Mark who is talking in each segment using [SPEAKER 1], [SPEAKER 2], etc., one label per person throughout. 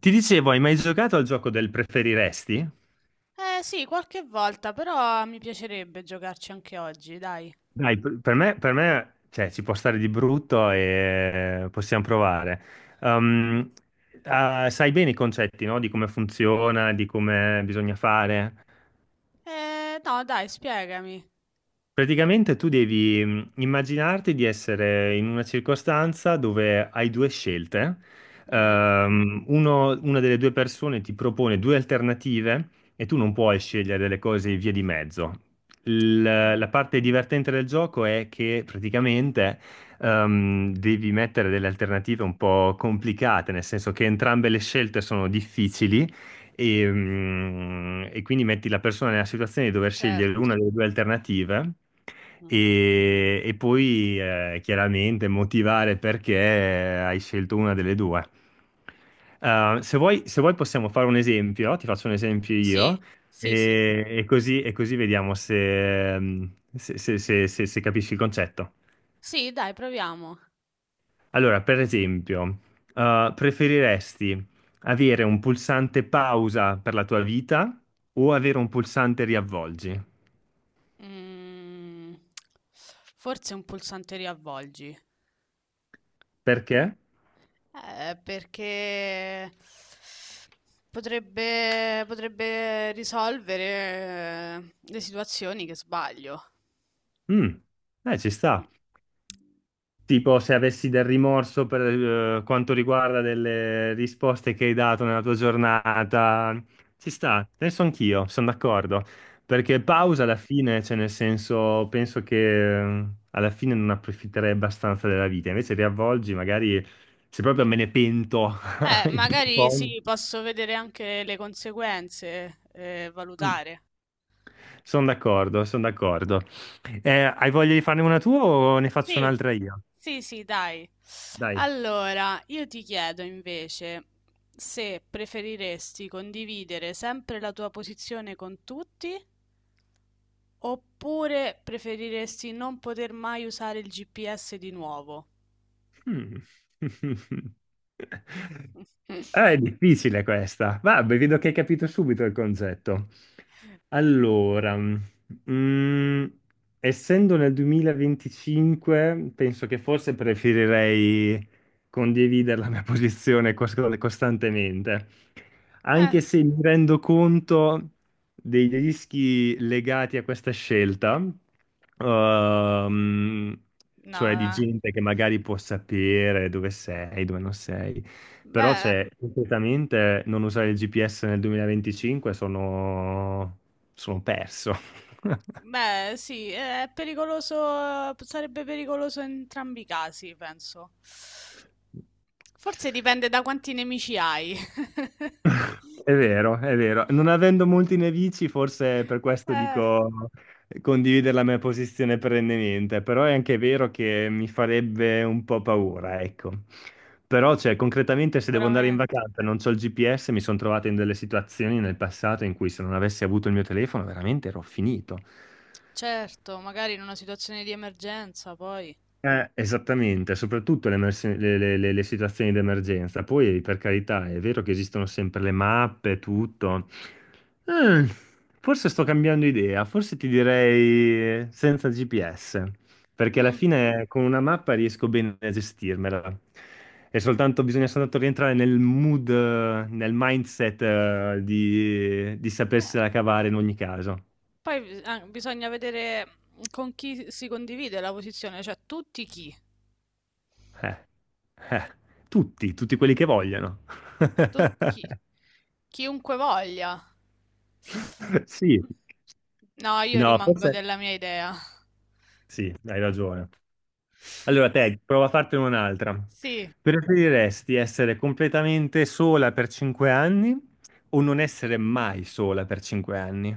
[SPEAKER 1] Ti dicevo, hai mai giocato al gioco del preferiresti?
[SPEAKER 2] Eh sì, qualche volta, però mi piacerebbe giocarci anche oggi, dai.
[SPEAKER 1] Dai, per me, per me, cioè, ci può stare di brutto e possiamo provare. Um, ah, sai bene i concetti, no? Di come funziona, di come bisogna fare.
[SPEAKER 2] No, dai, spiegami.
[SPEAKER 1] Praticamente tu devi immaginarti di essere in una circostanza dove hai due scelte.
[SPEAKER 2] Mhm,
[SPEAKER 1] Una delle due persone ti propone due alternative e tu non puoi scegliere delle cose via di mezzo. Il-
[SPEAKER 2] mhm,
[SPEAKER 1] la parte divertente del gioco è che praticamente devi mettere delle alternative un po' complicate, nel senso che entrambe le scelte sono difficili e quindi metti la persona nella situazione di dover scegliere una
[SPEAKER 2] certo.
[SPEAKER 1] delle due alternative
[SPEAKER 2] Mhm.
[SPEAKER 1] e poi chiaramente motivare perché hai scelto una delle due. Se vuoi possiamo fare un esempio, ti faccio un esempio
[SPEAKER 2] Sì,
[SPEAKER 1] io
[SPEAKER 2] sì, sì.
[SPEAKER 1] e così vediamo se, mm, se- se- se- se- se capisci il concetto.
[SPEAKER 2] Sì, dai, proviamo.
[SPEAKER 1] Allora, per esempio, preferiresti avere un pulsante pausa per la tua vita o avere un pulsante riavvolgi?
[SPEAKER 2] Mm, forse un pulsante riavvolgi.
[SPEAKER 1] Perché?
[SPEAKER 2] Perché potrebbe risolvere le situazioni che sbaglio.
[SPEAKER 1] Mm, Ci
[SPEAKER 2] Mm, mm.
[SPEAKER 1] sta. Tipo, se avessi del rimorso per quanto riguarda delle risposte che hai dato nella tua giornata, ci sta, penso anch'io, sono d'accordo. Perché
[SPEAKER 2] Mm.
[SPEAKER 1] pausa alla fine, cioè nel senso, penso che alla fine non approfitterei abbastanza della vita. Invece riavvolgi, magari se proprio me ne pento.
[SPEAKER 2] Magari sì, posso vedere anche le conseguenze, valutare.
[SPEAKER 1] Sono d'accordo, sono d'accordo. Hai voglia di
[SPEAKER 2] Oh,
[SPEAKER 1] farne una tua o ne faccio
[SPEAKER 2] sì,
[SPEAKER 1] un'altra io?
[SPEAKER 2] sì, sì, dai.
[SPEAKER 1] Dai.
[SPEAKER 2] Allora, io ti chiedo invece se preferiresti condividere sempre la tua posizione con tutti oppure preferiresti non poter mai usare il GPS di nuovo.
[SPEAKER 1] Mm. Ah, è difficile questa. Vabbè, vedo che hai capito subito il concetto. Allora, mm, essendo nel 2025, penso che forse preferirei condividere la mia posizione costantemente,
[SPEAKER 2] Eh,
[SPEAKER 1] anche se mi rendo conto dei rischi legati a questa scelta, ehm,
[SPEAKER 2] no,
[SPEAKER 1] cioè di
[SPEAKER 2] eh.
[SPEAKER 1] gente che magari può sapere dove sei, dove non sei. Però
[SPEAKER 2] Beh.
[SPEAKER 1] c'è completamente non usare il GPS nel 2025 sono perso.
[SPEAKER 2] Beh, sì, è pericoloso, sarebbe pericoloso in entrambi i casi, penso. Forse dipende da quanti nemici hai.
[SPEAKER 1] È vero, è vero. Non avendo molti nemici, forse per questo
[SPEAKER 2] Eh,
[SPEAKER 1] dico condividere la mia posizione perennemente, però è anche vero che mi farebbe un po' paura, ecco. Però, cioè, concretamente, se devo andare in
[SPEAKER 2] sicuramente.
[SPEAKER 1] vacanza e non ho il GPS, mi sono trovato in delle situazioni nel passato in cui se non avessi avuto il mio telefono, veramente ero finito.
[SPEAKER 2] Certo, magari in una situazione di emergenza, poi.
[SPEAKER 1] Esattamente, soprattutto le, emersi- le situazioni di emergenza. Poi, per carità, è vero che esistono sempre le mappe, tutto. Eh, Forse sto cambiando idea, forse ti direi senza GPS, perché alla
[SPEAKER 2] Mm,
[SPEAKER 1] fine con una mappa riesco bene a gestirmela. E soltanto bisogna soltanto rientrare nel mood, nel mindset, di
[SPEAKER 2] eh,
[SPEAKER 1] sapersela cavare in ogni caso.
[SPEAKER 2] Ah, bisogna vedere con chi si condivide la posizione, cioè
[SPEAKER 1] Eh, eh, tutti quelli che vogliono.
[SPEAKER 2] tutti chi, chiunque voglia.
[SPEAKER 1] Sì,
[SPEAKER 2] No, io
[SPEAKER 1] no,
[SPEAKER 2] rimango
[SPEAKER 1] forse
[SPEAKER 2] della mia idea.
[SPEAKER 1] sì, hai ragione. Allora, te, prova a fartene un'altra.
[SPEAKER 2] Sì.
[SPEAKER 1] Preferiresti essere completamente sola per 5 anni o non essere mai sola per 5 anni?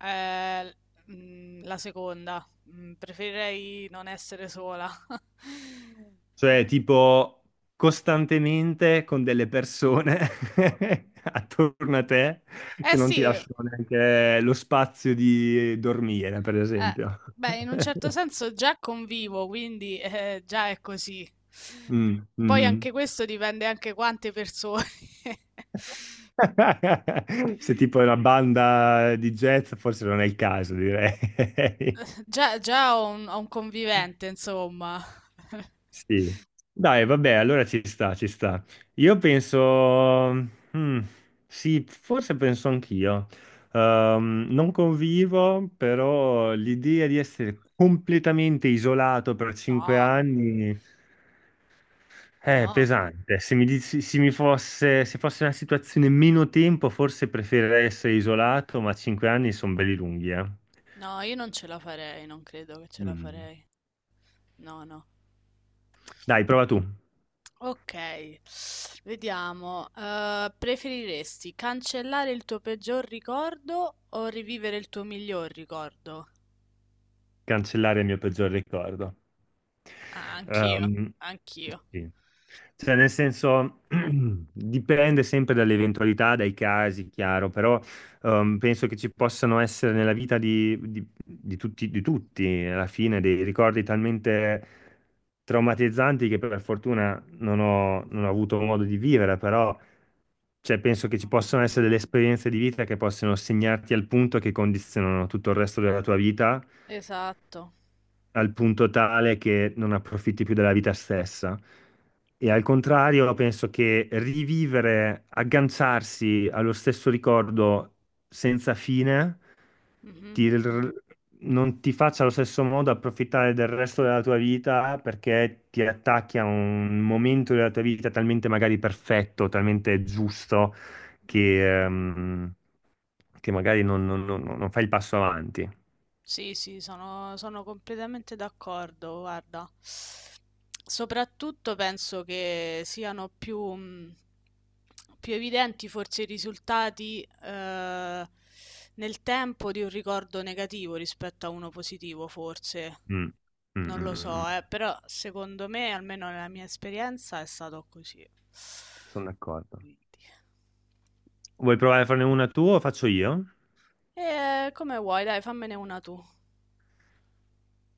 [SPEAKER 2] Ehm, mhmm, la seconda. Mhmm, preferirei non essere sola.
[SPEAKER 1] Cioè, tipo, costantemente con delle persone attorno a te
[SPEAKER 2] Eh
[SPEAKER 1] che non
[SPEAKER 2] sì,
[SPEAKER 1] ti lasciano neanche lo spazio di dormire, per esempio.
[SPEAKER 2] beh, in un certo senso già convivo, quindi, già è così.
[SPEAKER 1] Mm,
[SPEAKER 2] Poi
[SPEAKER 1] mm.
[SPEAKER 2] anche questo dipende anche quante persone.
[SPEAKER 1] Se tipo è una banda di jazz, forse non è il caso, direi.
[SPEAKER 2] Già già ho un convivente, insomma.
[SPEAKER 1] Sì. Dai, vabbè, allora ci sta, ci sta. Io penso, mm, sì, forse penso anch'io. Non convivo, però l'idea di essere completamente isolato per cinque
[SPEAKER 2] No,
[SPEAKER 1] anni... È
[SPEAKER 2] no,
[SPEAKER 1] pesante. Se mi, dici- se mi fosse, se fosse una situazione meno tempo, forse preferirei essere isolato, ma 5 anni sono belli lunghi, eh.
[SPEAKER 2] no, io non ce la farei, non credo che ce la
[SPEAKER 1] Mm.
[SPEAKER 2] farei. No, no.
[SPEAKER 1] Dai, prova tu.
[SPEAKER 2] Ok, vediamo. Preferiresti cancellare il tuo peggior ricordo o rivivere il tuo miglior ricordo?
[SPEAKER 1] Cancellare il mio peggior ricordo.
[SPEAKER 2] Ah, anch'io,
[SPEAKER 1] Ehm,
[SPEAKER 2] anch'io.
[SPEAKER 1] sì. Cioè, nel senso, dipende sempre dalle eventualità, dai casi, chiaro, però penso che ci possano essere nella vita di tutti, di tutti, alla fine, dei ricordi talmente traumatizzanti che per fortuna non ho avuto modo di vivere, però cioè, penso che ci
[SPEAKER 2] Mhm.
[SPEAKER 1] possano essere delle esperienze di vita che possono segnarti al punto che condizionano tutto il resto della tua vita
[SPEAKER 2] Esatto.
[SPEAKER 1] al punto tale che non approfitti più della vita stessa. E al contrario, penso che rivivere, agganciarsi allo stesso ricordo senza fine,
[SPEAKER 2] Mhm,
[SPEAKER 1] ti r- non ti faccia allo stesso modo approfittare del resto della tua vita perché ti attacchi a un momento della tua vita talmente magari perfetto, talmente giusto,
[SPEAKER 2] mhm.
[SPEAKER 1] che, ehm, che magari non fai il passo avanti.
[SPEAKER 2] Sì, sono completamente d'accordo, guarda. Soprattutto penso che siano più, più evidenti forse i risultati nel tempo di un ricordo negativo rispetto a uno positivo, forse.
[SPEAKER 1] Mm, mm,
[SPEAKER 2] Non lo
[SPEAKER 1] mm, mm.
[SPEAKER 2] so, però secondo me, almeno nella mia esperienza, è stato così.
[SPEAKER 1] Sono d'accordo.
[SPEAKER 2] Quindi.
[SPEAKER 1] Vuoi provare a farne una tu o faccio io?
[SPEAKER 2] E come vuoi, dai, fammene una tu.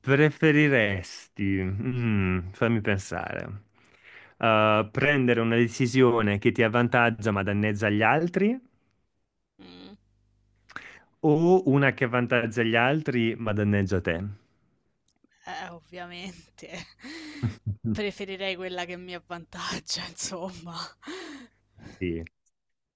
[SPEAKER 1] Preferiresti, fammi pensare, prendere una decisione che ti avvantaggia ma danneggia gli altri
[SPEAKER 2] Mm.
[SPEAKER 1] o una che avvantaggia gli altri ma danneggia te?
[SPEAKER 2] Ovviamente. Preferirei quella che mi avvantaggia, insomma.
[SPEAKER 1] Sì.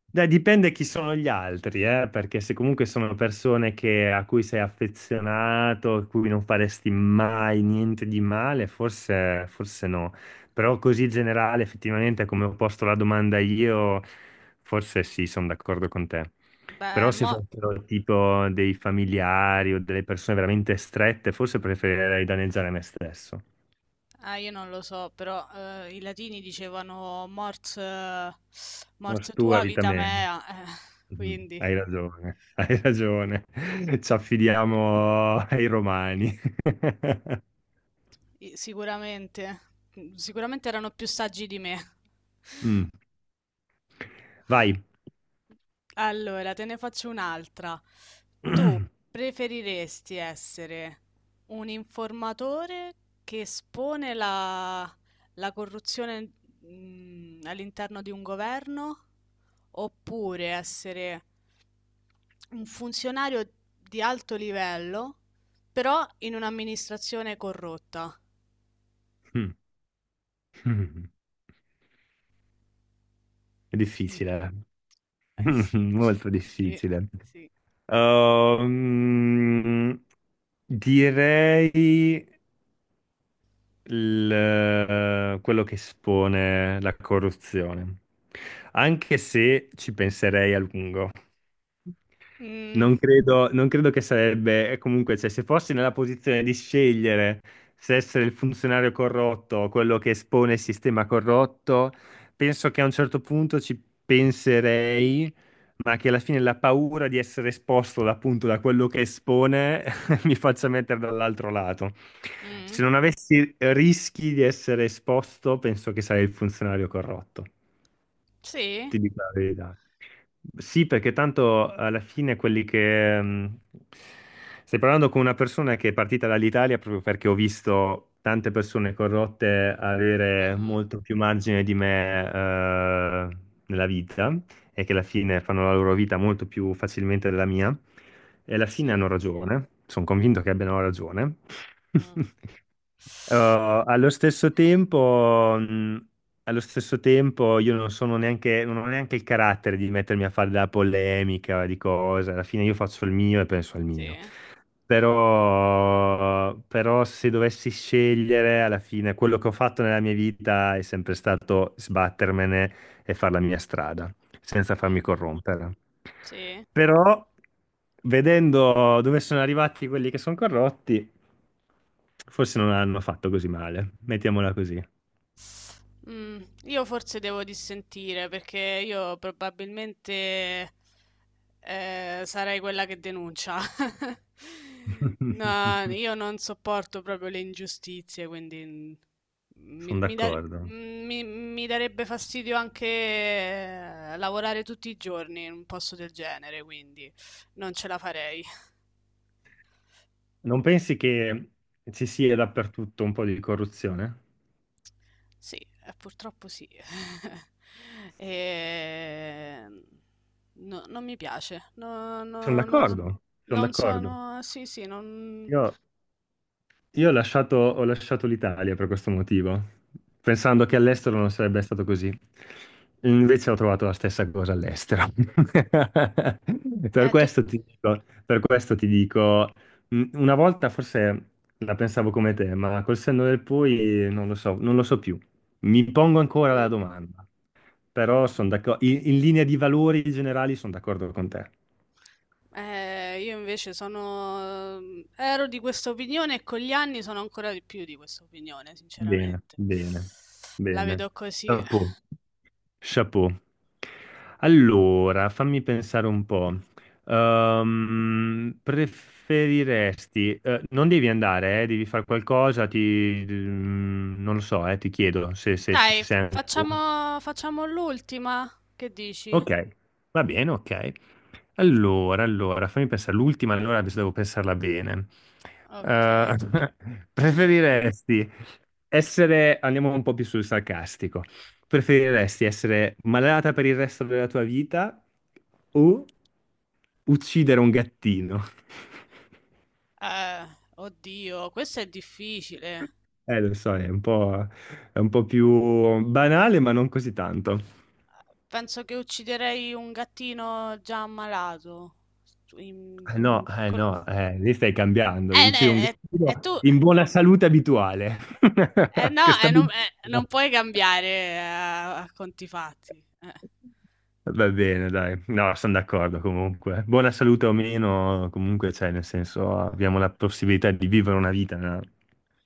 [SPEAKER 1] Beh, dipende chi sono gli altri, perché se comunque sono persone a cui sei affezionato, a cui non faresti mai niente di male, forse, forse no. Però così generale, effettivamente, come ho posto la domanda io, forse sì, sono d'accordo con te. Però
[SPEAKER 2] Beh,
[SPEAKER 1] se
[SPEAKER 2] mo...
[SPEAKER 1] fossero tipo dei familiari o delle persone veramente strette, forse preferirei danneggiare me stesso.
[SPEAKER 2] Ah, io non lo so, però i latini dicevano
[SPEAKER 1] Morto
[SPEAKER 2] mors
[SPEAKER 1] tu,
[SPEAKER 2] tua,
[SPEAKER 1] vita
[SPEAKER 2] vita
[SPEAKER 1] mia.
[SPEAKER 2] mea,
[SPEAKER 1] Mm,
[SPEAKER 2] quindi
[SPEAKER 1] hai ragione, hai ragione. Ci affidiamo ai romani.
[SPEAKER 2] sicuramente, sicuramente erano più saggi di me.
[SPEAKER 1] Mm, vai.
[SPEAKER 2] Allora, te ne faccio un'altra. Preferiresti essere un informatore che espone la corruzione, mm, all'interno di un governo oppure essere un funzionario di alto livello, però in un'amministrazione corrotta?
[SPEAKER 1] È difficile,
[SPEAKER 2] Eh sì,
[SPEAKER 1] molto
[SPEAKER 2] sì,
[SPEAKER 1] difficile.
[SPEAKER 2] sì.
[SPEAKER 1] Ehm, Direi, il, quello che espone la corruzione. Anche se ci penserei a lungo.
[SPEAKER 2] Mm,
[SPEAKER 1] Non credo, non credo che sarebbe, e comunque, cioè, se fossi nella posizione di scegliere se essere il funzionario corrotto o quello che espone il sistema corrotto, penso che a un certo punto ci penserei, ma che alla fine la paura di essere esposto appunto da quello che espone mi faccia mettere dall'altro lato.
[SPEAKER 2] mm,
[SPEAKER 1] Se non avessi rischi di essere esposto, penso che sarei il funzionario corrotto.
[SPEAKER 2] sì.
[SPEAKER 1] Ti dico la verità. Sì, perché tanto alla fine quelli che. Stai parlando con una persona che è partita dall'Italia proprio perché ho visto tante persone corrotte avere
[SPEAKER 2] Mhm,
[SPEAKER 1] molto più margine di me, nella vita e che alla fine fanno la loro vita molto più facilmente della mia. E alla fine
[SPEAKER 2] sì.
[SPEAKER 1] hanno ragione. Sono convinto che abbiano ragione.
[SPEAKER 2] Mhm.
[SPEAKER 1] Eh, allo stesso tempo, mh, allo stesso tempo io non sono neanche, non ho neanche il carattere di mettermi a fare della polemica di cose, alla fine io faccio il mio e penso al
[SPEAKER 2] Sì.
[SPEAKER 1] mio. Però se dovessi scegliere, alla fine quello che ho fatto nella mia vita è sempre stato sbattermene e fare la mia strada senza farmi
[SPEAKER 2] Mhm,
[SPEAKER 1] corrompere.
[SPEAKER 2] sì.
[SPEAKER 1] Però, vedendo dove sono arrivati quelli che sono corrotti, forse non hanno fatto così male. Mettiamola così.
[SPEAKER 2] Mm, io forse devo dissentire perché io probabilmente sarei quella che denuncia. No, io non sopporto proprio le ingiustizie, quindi mm, mi,
[SPEAKER 1] Sono
[SPEAKER 2] mi da-
[SPEAKER 1] d'accordo.
[SPEAKER 2] mm, mi darebbe fastidio anche lavorare tutti i giorni in un posto del genere, quindi non ce la farei.
[SPEAKER 1] Non pensi che ci sia dappertutto un po' di corruzione?
[SPEAKER 2] Sì, purtroppo sì. Ehm, non mi piace.
[SPEAKER 1] Sono
[SPEAKER 2] Non,
[SPEAKER 1] d'accordo, sono
[SPEAKER 2] non
[SPEAKER 1] d'accordo.
[SPEAKER 2] sono... Sì, sì, non...
[SPEAKER 1] Io Io ho lasciato l'Italia per questo motivo, pensando che all'estero non sarebbe stato così. Invece ho trovato la stessa cosa all'estero. Per
[SPEAKER 2] È tut-
[SPEAKER 1] questo ti dico, per questo ti dico, una volta forse la pensavo come te, ma col senno del poi non lo so, non lo so più. Mi pongo ancora la
[SPEAKER 2] Mm.
[SPEAKER 1] domanda, però sono d'accordo, in linea di valori generali sono d'accordo con te.
[SPEAKER 2] Io invece sono... ero di questa opinione e con gli anni sono ancora di più di questa opinione,
[SPEAKER 1] Bene,
[SPEAKER 2] sinceramente.
[SPEAKER 1] bene,
[SPEAKER 2] La
[SPEAKER 1] bene.
[SPEAKER 2] vedo così.
[SPEAKER 1] Chapeau, chapeau. Allora, fammi pensare un po'. Preferiresti, non devi andare, devi fare qualcosa, ti, non lo so, ti chiedo se, se ci
[SPEAKER 2] Dai,
[SPEAKER 1] sei ancora.
[SPEAKER 2] facciamo, facciamo l'ultima. Che dici?
[SPEAKER 1] Ok, va bene, ok. Allora, fammi pensare, l'ultima, allora adesso devo pensarla bene.
[SPEAKER 2] Ok.
[SPEAKER 1] Eh, Preferiresti essere, andiamo un po' più sul sarcastico, preferiresti essere malata per il resto della tua vita o uccidere un gattino?
[SPEAKER 2] Eh, oddio, questo è difficile.
[SPEAKER 1] Lo so, è un po' più banale, ma non così tanto.
[SPEAKER 2] Penso che ucciderei un gattino già ammalato. Su- in-
[SPEAKER 1] No, eh
[SPEAKER 2] con un-
[SPEAKER 1] no, lì stai cambiando, uccidi un
[SPEAKER 2] Ne-
[SPEAKER 1] gatto
[SPEAKER 2] tu...
[SPEAKER 1] in buona salute abituale, che
[SPEAKER 2] No,
[SPEAKER 1] sta
[SPEAKER 2] non,
[SPEAKER 1] benissimo.
[SPEAKER 2] non puoi cambiare a conti fatti.
[SPEAKER 1] Va bene, dai, no, sono d'accordo comunque. Buona salute o meno, comunque, cioè, nel senso, abbiamo la possibilità di vivere una vita, no?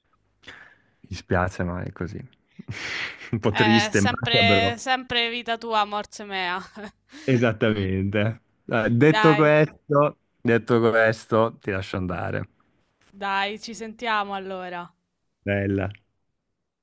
[SPEAKER 1] Mi dispiace, ma è così. Un po' triste,
[SPEAKER 2] Sempre,
[SPEAKER 1] macabro.
[SPEAKER 2] sempre vita tua, morte mea.
[SPEAKER 1] Esattamente. Dai, detto
[SPEAKER 2] Dai,
[SPEAKER 1] questo, detto questo, ti lascio andare.
[SPEAKER 2] dai, ci sentiamo allora.
[SPEAKER 1] Bella.